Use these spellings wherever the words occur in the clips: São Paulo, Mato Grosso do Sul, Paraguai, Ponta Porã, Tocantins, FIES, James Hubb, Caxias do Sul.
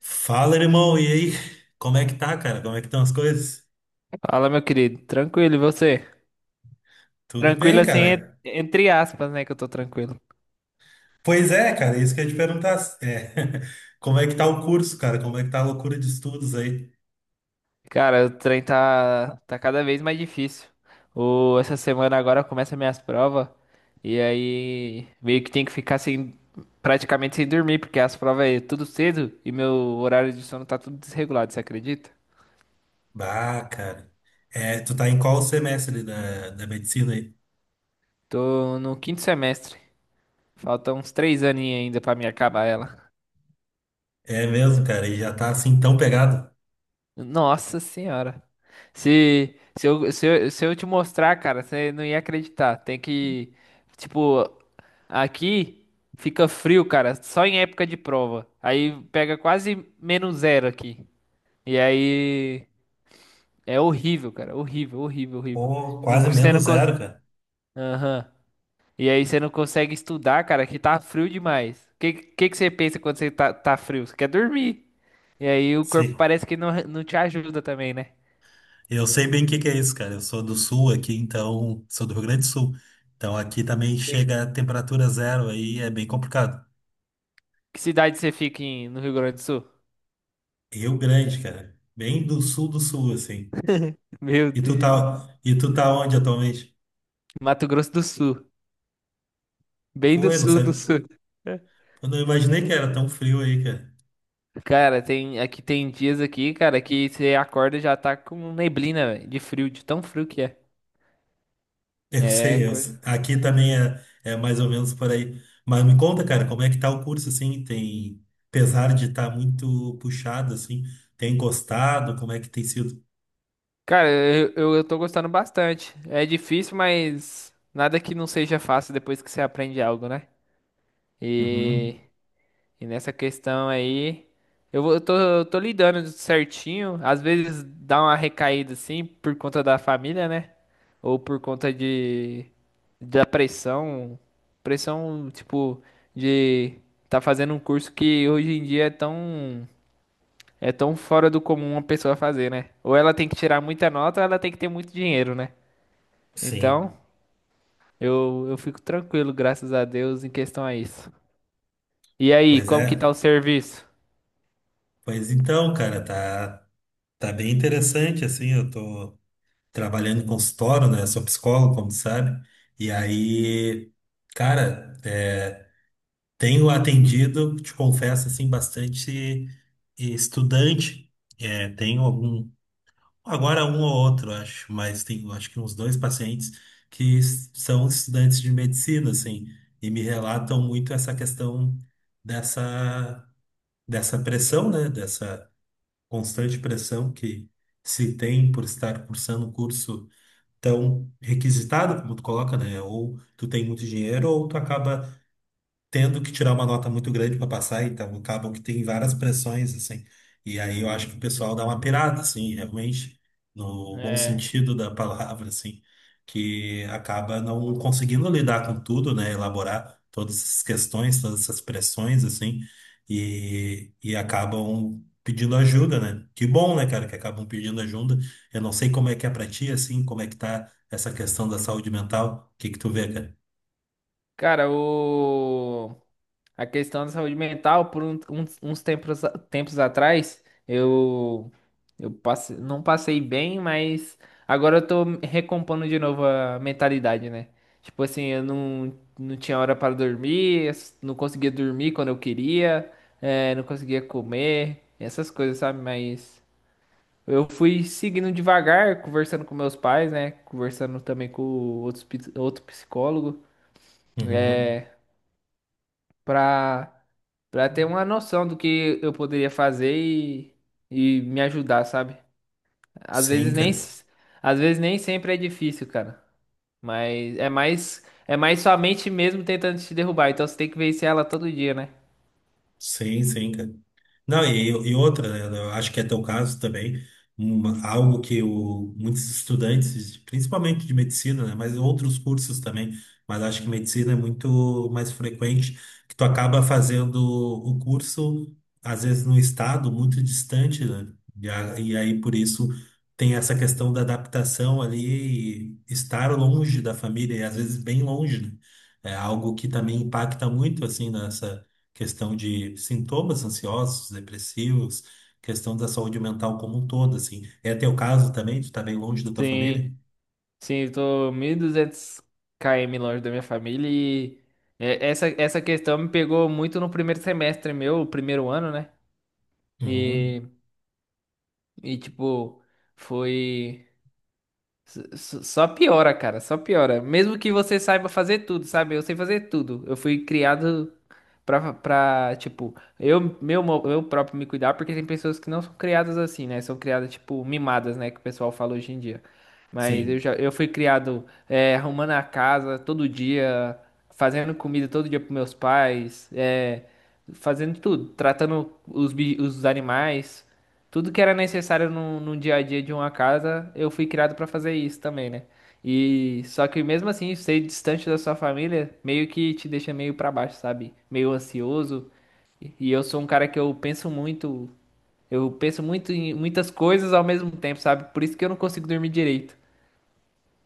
Fala, irmão, e aí? Como é que tá, cara? Como é que estão as coisas? Fala, meu querido. Tranquilo, e você? Tudo Tranquilo bem, assim, cara? entre aspas, né? Que eu tô tranquilo. Pois é, cara, isso que eu ia te perguntar. Como é que tá o curso, cara? Como é que tá a loucura de estudos aí? Cara, o trem tá cada vez mais difícil. Essa semana agora começa minhas provas. E aí, meio que tem que ficar sem, praticamente sem dormir, porque as provas é tudo cedo e meu horário de sono tá tudo desregulado, você acredita? Bah, cara. É, tu tá em qual semestre da medicina aí? Tô no quinto semestre. Faltam uns 3 aninhos ainda pra me acabar ela. É mesmo, cara, e já tá assim tão pegado? Nossa senhora. Se eu te mostrar, cara, você não ia acreditar. Tem que, tipo, aqui fica frio, cara, só em época de prova. Aí pega quase menos zero aqui. E aí é horrível, cara, horrível, horrível, horrível. Pô, Não, quase você não menos zero, cara. Aham. E aí você não consegue estudar, cara, que tá frio demais. O que você pensa quando você tá frio? Você quer dormir. E aí o corpo Sim. parece que não te ajuda também, né? Eu sei bem o que que é isso, cara. Eu sou do sul aqui, então, sou do Rio Grande do Sul. Então aqui também chega a temperatura zero aí, é bem complicado. Que cidade você fica no Rio Grande do Sul? Rio Grande, cara. Bem do sul, assim. Meu E tu tá, Deus. e tu tá onde atualmente? Mato Grosso do Sul. Bem do Pô, eu não sul do sabia. sul. Eu não imaginei que era tão frio aí, cara. Cara, tem aqui tem dias aqui, cara, que você acorda e já tá com neblina, velho, de frio, de tão frio que é. Eu É sei, eu sei. coisa. Aqui também é, é mais ou menos por aí. Mas me conta, cara, como é que tá o curso, assim? Apesar de estar muito puxado, assim, tem gostado? Como é que tem sido? Cara, eu tô gostando bastante. É difícil, mas nada que não seja fácil depois que você aprende algo, né? E Uhum. E nessa questão aí, eu tô lidando certinho. Às vezes dá uma recaída assim por conta da família, né? Ou por conta de da pressão, tipo, de tá fazendo um curso que hoje em dia é tão fora do comum uma pessoa fazer, né? Ou ela tem que tirar muita nota, ou ela tem que ter muito dinheiro, né? Então, Sim. eu fico tranquilo, graças a Deus, em questão a isso. E aí, Pois como que tá o é. serviço? Pois então, cara, tá bem interessante, assim, eu tô. Trabalhando em consultório, né? Sou psicólogo, como tu sabe. E aí, cara, tenho atendido, te confesso, assim, bastante estudante. É, tenho algum, agora um ou outro, acho, mas tenho acho que uns dois pacientes são estudantes de medicina, assim, e me relatam muito essa questão dessa, dessa pressão, né? Dessa constante pressão que se tem por estar cursando um curso então requisitado, como tu coloca, né? Ou tu tem muito dinheiro, ou tu acaba tendo que tirar uma nota muito grande para passar, então acabam que tem várias pressões, assim. E aí eu acho que o pessoal dá uma pirada, assim, realmente, no bom É. sentido da palavra, assim, que acaba não conseguindo lidar com tudo, né? Elaborar todas essas questões, todas essas pressões, assim, e acabam pedindo ajuda, né? Que bom, né, cara, que acabam pedindo ajuda. Eu não sei como é que é pra ti, assim, como é que tá essa questão da saúde mental. O que que tu vê, cara? Cara, a questão da saúde mental, por uns tempos atrás, não passei bem, mas agora eu tô recompondo de novo a mentalidade, né? Tipo assim, eu não tinha hora para dormir, não conseguia dormir quando eu queria, eh, não conseguia comer, essas coisas, sabe? Mas eu fui seguindo devagar, conversando com meus pais, né? Conversando também com outro psicólogo. Uhum. eh, pra, pra ter uma noção do que eu poderia fazer e me ajudar, sabe? Às Sim, vezes nem, cara. s- Às vezes nem sempre é difícil, cara. Mas é mais sua mente mesmo tentando te derrubar. Então você tem que vencer ela todo dia, né? Sim, sim, cara. Não, e outra, né? Eu acho que é teu caso também, algo que muitos estudantes, principalmente de medicina, né? Mas outros cursos também, mas acho que medicina é muito mais frequente, que tu acaba fazendo o curso, às vezes, num estado muito distante, né? E aí, por isso, tem essa questão da adaptação ali, e estar longe da família, e às vezes bem longe, né? É algo que também impacta muito, assim, nessa questão de sintomas ansiosos, depressivos, questão da saúde mental como um todo, assim. É teu caso também? Tu tá bem longe da tua Sim, família? sim, eu tô 1.200 km longe da minha família e essa questão me pegou muito no primeiro semestre meu, o primeiro ano, né? Uhum. E, e tipo, foi. Só piora, cara, só piora. Mesmo que você saiba fazer tudo, sabe? Eu sei fazer tudo. Eu fui criado pra tipo, eu próprio me cuidar, porque tem pessoas que não são criadas assim, né? São criadas, tipo, mimadas, né? Que o pessoal fala hoje em dia. Mas Sim. Eu fui criado é, arrumando a casa todo dia, fazendo comida todo dia pros meus pais, é, fazendo tudo, tratando os animais. Tudo que era necessário no dia a dia de uma casa, eu fui criado pra fazer isso também, né? E só que mesmo assim, ser distante da sua família meio que te deixa meio pra baixo, sabe? Meio ansioso. E eu sou um cara que eu penso muito em muitas coisas ao mesmo tempo, sabe? Por isso que eu não consigo dormir direito.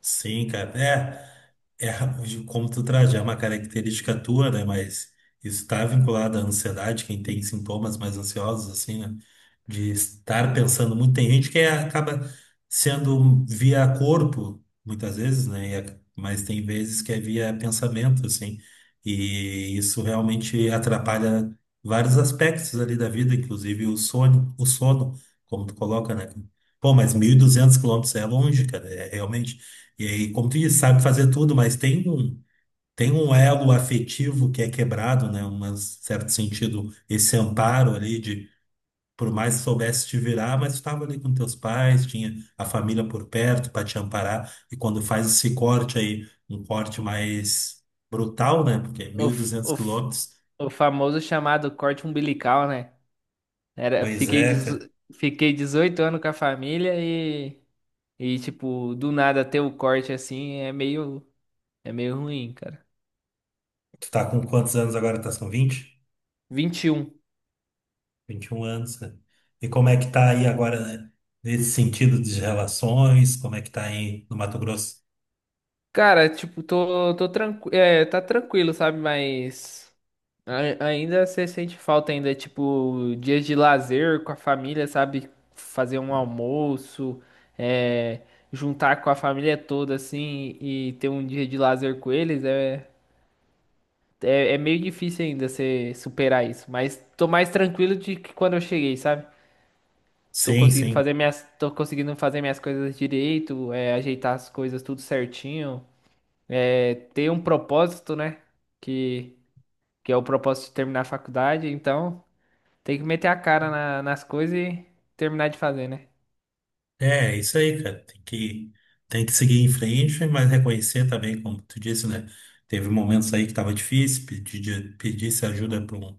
Sim, cara. É. É, de como tu traz, já é uma característica tua, né? Mas isso está vinculado à ansiedade, quem tem sintomas mais ansiosos, assim, né? De estar pensando muito. Tem gente que acaba sendo via corpo, muitas vezes, né? Mas tem vezes que é via pensamento, assim. E isso realmente atrapalha vários aspectos ali da vida, inclusive o sono, como tu coloca, né? Pô, mas 1.200 km é longe, cara. É realmente e aí, como tu disse, sabe fazer tudo, mas tem um elo afetivo que é quebrado, né? Um certo sentido, esse amparo ali de, por mais que soubesse te virar, mas tu estava ali com teus pais, tinha a família por perto para te amparar. E quando faz esse corte aí, um corte mais brutal, né? Porque é O, mil e f- duzentos o, f- quilômetros. o famoso chamado corte umbilical, né? Era, Pois fiquei, é, dezo- cara. Fiquei 18 anos com a família e, tipo, do nada ter o corte assim é meio. É meio ruim, cara. Tu tá com quantos anos agora? 21. 21 anos, cara. E como é que tá aí agora, né? Nesse sentido de relações, como é que tá aí no Mato Grosso? Cara, tipo, tô tranquilo. É, tá tranquilo, sabe? Mas ainda você sente falta ainda, tipo, dias de lazer com a família, sabe? Fazer um almoço, é, juntar com a família toda, assim, e ter um dia de lazer com eles. É, é, é meio difícil ainda você superar isso. Mas tô mais tranquilo de que quando eu cheguei, sabe? Sim, sim. Tô conseguindo fazer minhas coisas direito, é, ajeitar as coisas tudo certinho. É, ter um propósito, né? Que, que é o propósito de terminar a faculdade, então tem que meter a cara nas coisas e terminar de fazer, né? É, isso aí, cara. Tem que seguir em frente, mas reconhecer também, como tu disse, né? Teve momentos aí que tava difícil, pedisse ajuda para um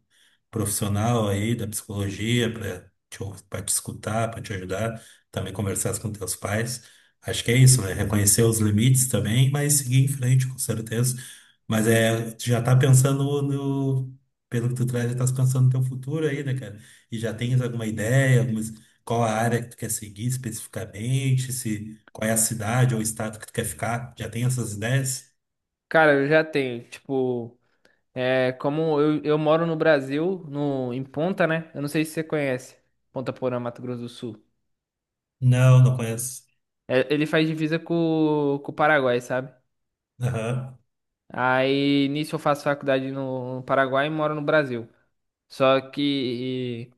profissional aí da psicologia para pra te escutar, para te ajudar, também conversar com teus pais. Acho que é isso, né? Reconhecer os limites também, mas seguir em frente, com certeza. Mas é, tu já tá pensando no, pelo que tu traz, já tá pensando no teu futuro aí, né, cara? E já tens alguma ideia, algumas qual a área que tu quer seguir especificamente? Se, qual é a cidade ou estado que tu quer ficar? Já tem essas ideias? Cara, eu já tenho, tipo, é, como eu moro no Brasil, no, em Ponta, né? Eu não sei se você conhece, Ponta Porã, Mato Grosso do Sul. Não, não conheço. É, ele faz divisa com o Paraguai, sabe? Aham. Aí, nisso eu faço faculdade no Paraguai e moro no Brasil. Só que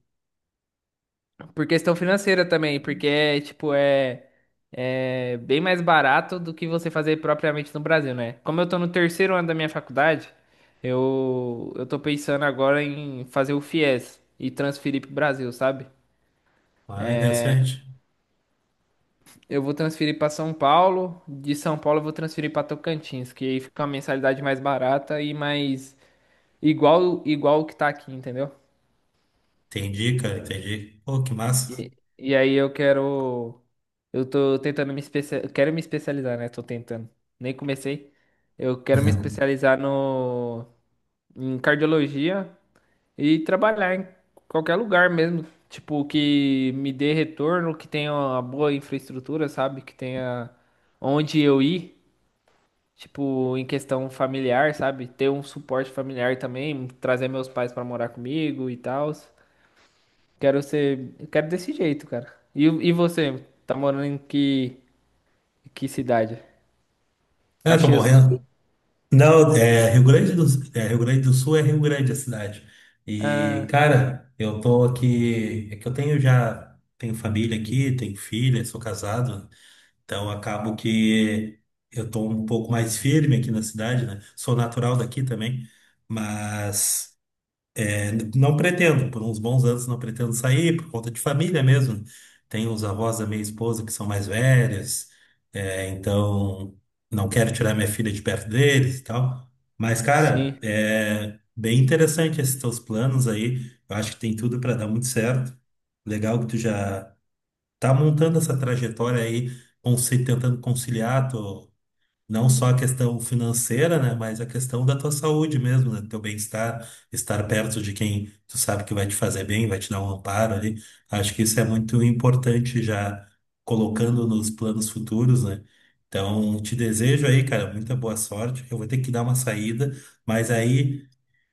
por questão financeira também, porque é, tipo, é, é bem mais barato do que você fazer propriamente no Brasil, né? Como eu tô no terceiro ano da minha faculdade, eu tô pensando agora em fazer o FIES e transferir pro Brasil, sabe? Ah, interessante. Eu vou transferir pra São Paulo, de São Paulo eu vou transferir pra Tocantins, que aí fica uma mensalidade mais barata e mais igual o que tá aqui, entendeu? Entendi, cara, entendi. Pô, que massa. E, e aí eu quero. Eu tô tentando me especializar. Quero me especializar, né? Tô tentando. Nem comecei. Eu quero me especializar no... em cardiologia e trabalhar em qualquer lugar mesmo. Tipo, que me dê retorno, que tenha uma boa infraestrutura, sabe? Que tenha onde eu ir. Tipo, em questão familiar, sabe? Ter um suporte familiar também. Trazer meus pais pra morar comigo e tal. Quero ser. Eu Quero desse jeito, cara. E você? Tá morando em que cidade? É, tô Caxias do Sul? morrendo. Não, é Rio Grande do, é, Rio Grande do Sul é Rio Grande a cidade. E, Ah, cara, eu tô aqui. É que eu tenho já. Tenho família aqui, tenho filha, sou casado. Então, acabo que eu tô um pouco mais firme aqui na cidade, né? Sou natural daqui também, mas é, não pretendo, por uns bons anos não pretendo sair, por conta de família mesmo. Tenho os avós da minha esposa que são mais velhos, é, então não quero tirar minha filha de perto deles e tal. Mas, cara, sim. é bem interessante esses teus planos aí. Eu acho que tem tudo para dar muito certo. Legal que tu já tá montando essa trajetória aí, tentando conciliar não só a questão financeira, né, mas a questão da tua saúde mesmo, né, do teu bem-estar, estar perto de quem tu sabe que vai te fazer bem, vai te dar um amparo ali. Acho que isso é muito importante já colocando nos planos futuros, né? Então, te desejo aí, cara, muita boa sorte. Eu vou ter que dar uma saída, mas aí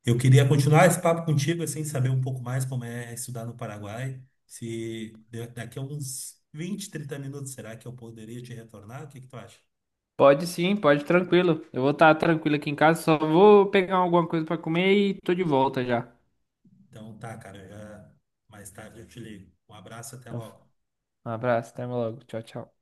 eu queria continuar esse papo contigo, assim, saber um pouco mais como é estudar no Paraguai. Se daqui a uns 20, 30 minutos, será que eu poderia te retornar? O que que tu acha? Pode sim, pode tranquilo. Eu vou estar tranquilo aqui em casa, só vou pegar alguma coisa pra comer e tô de volta já. Então tá, cara, já mais tarde eu te ligo. Um abraço, até Então, logo. um abraço, até logo. Tchau, tchau.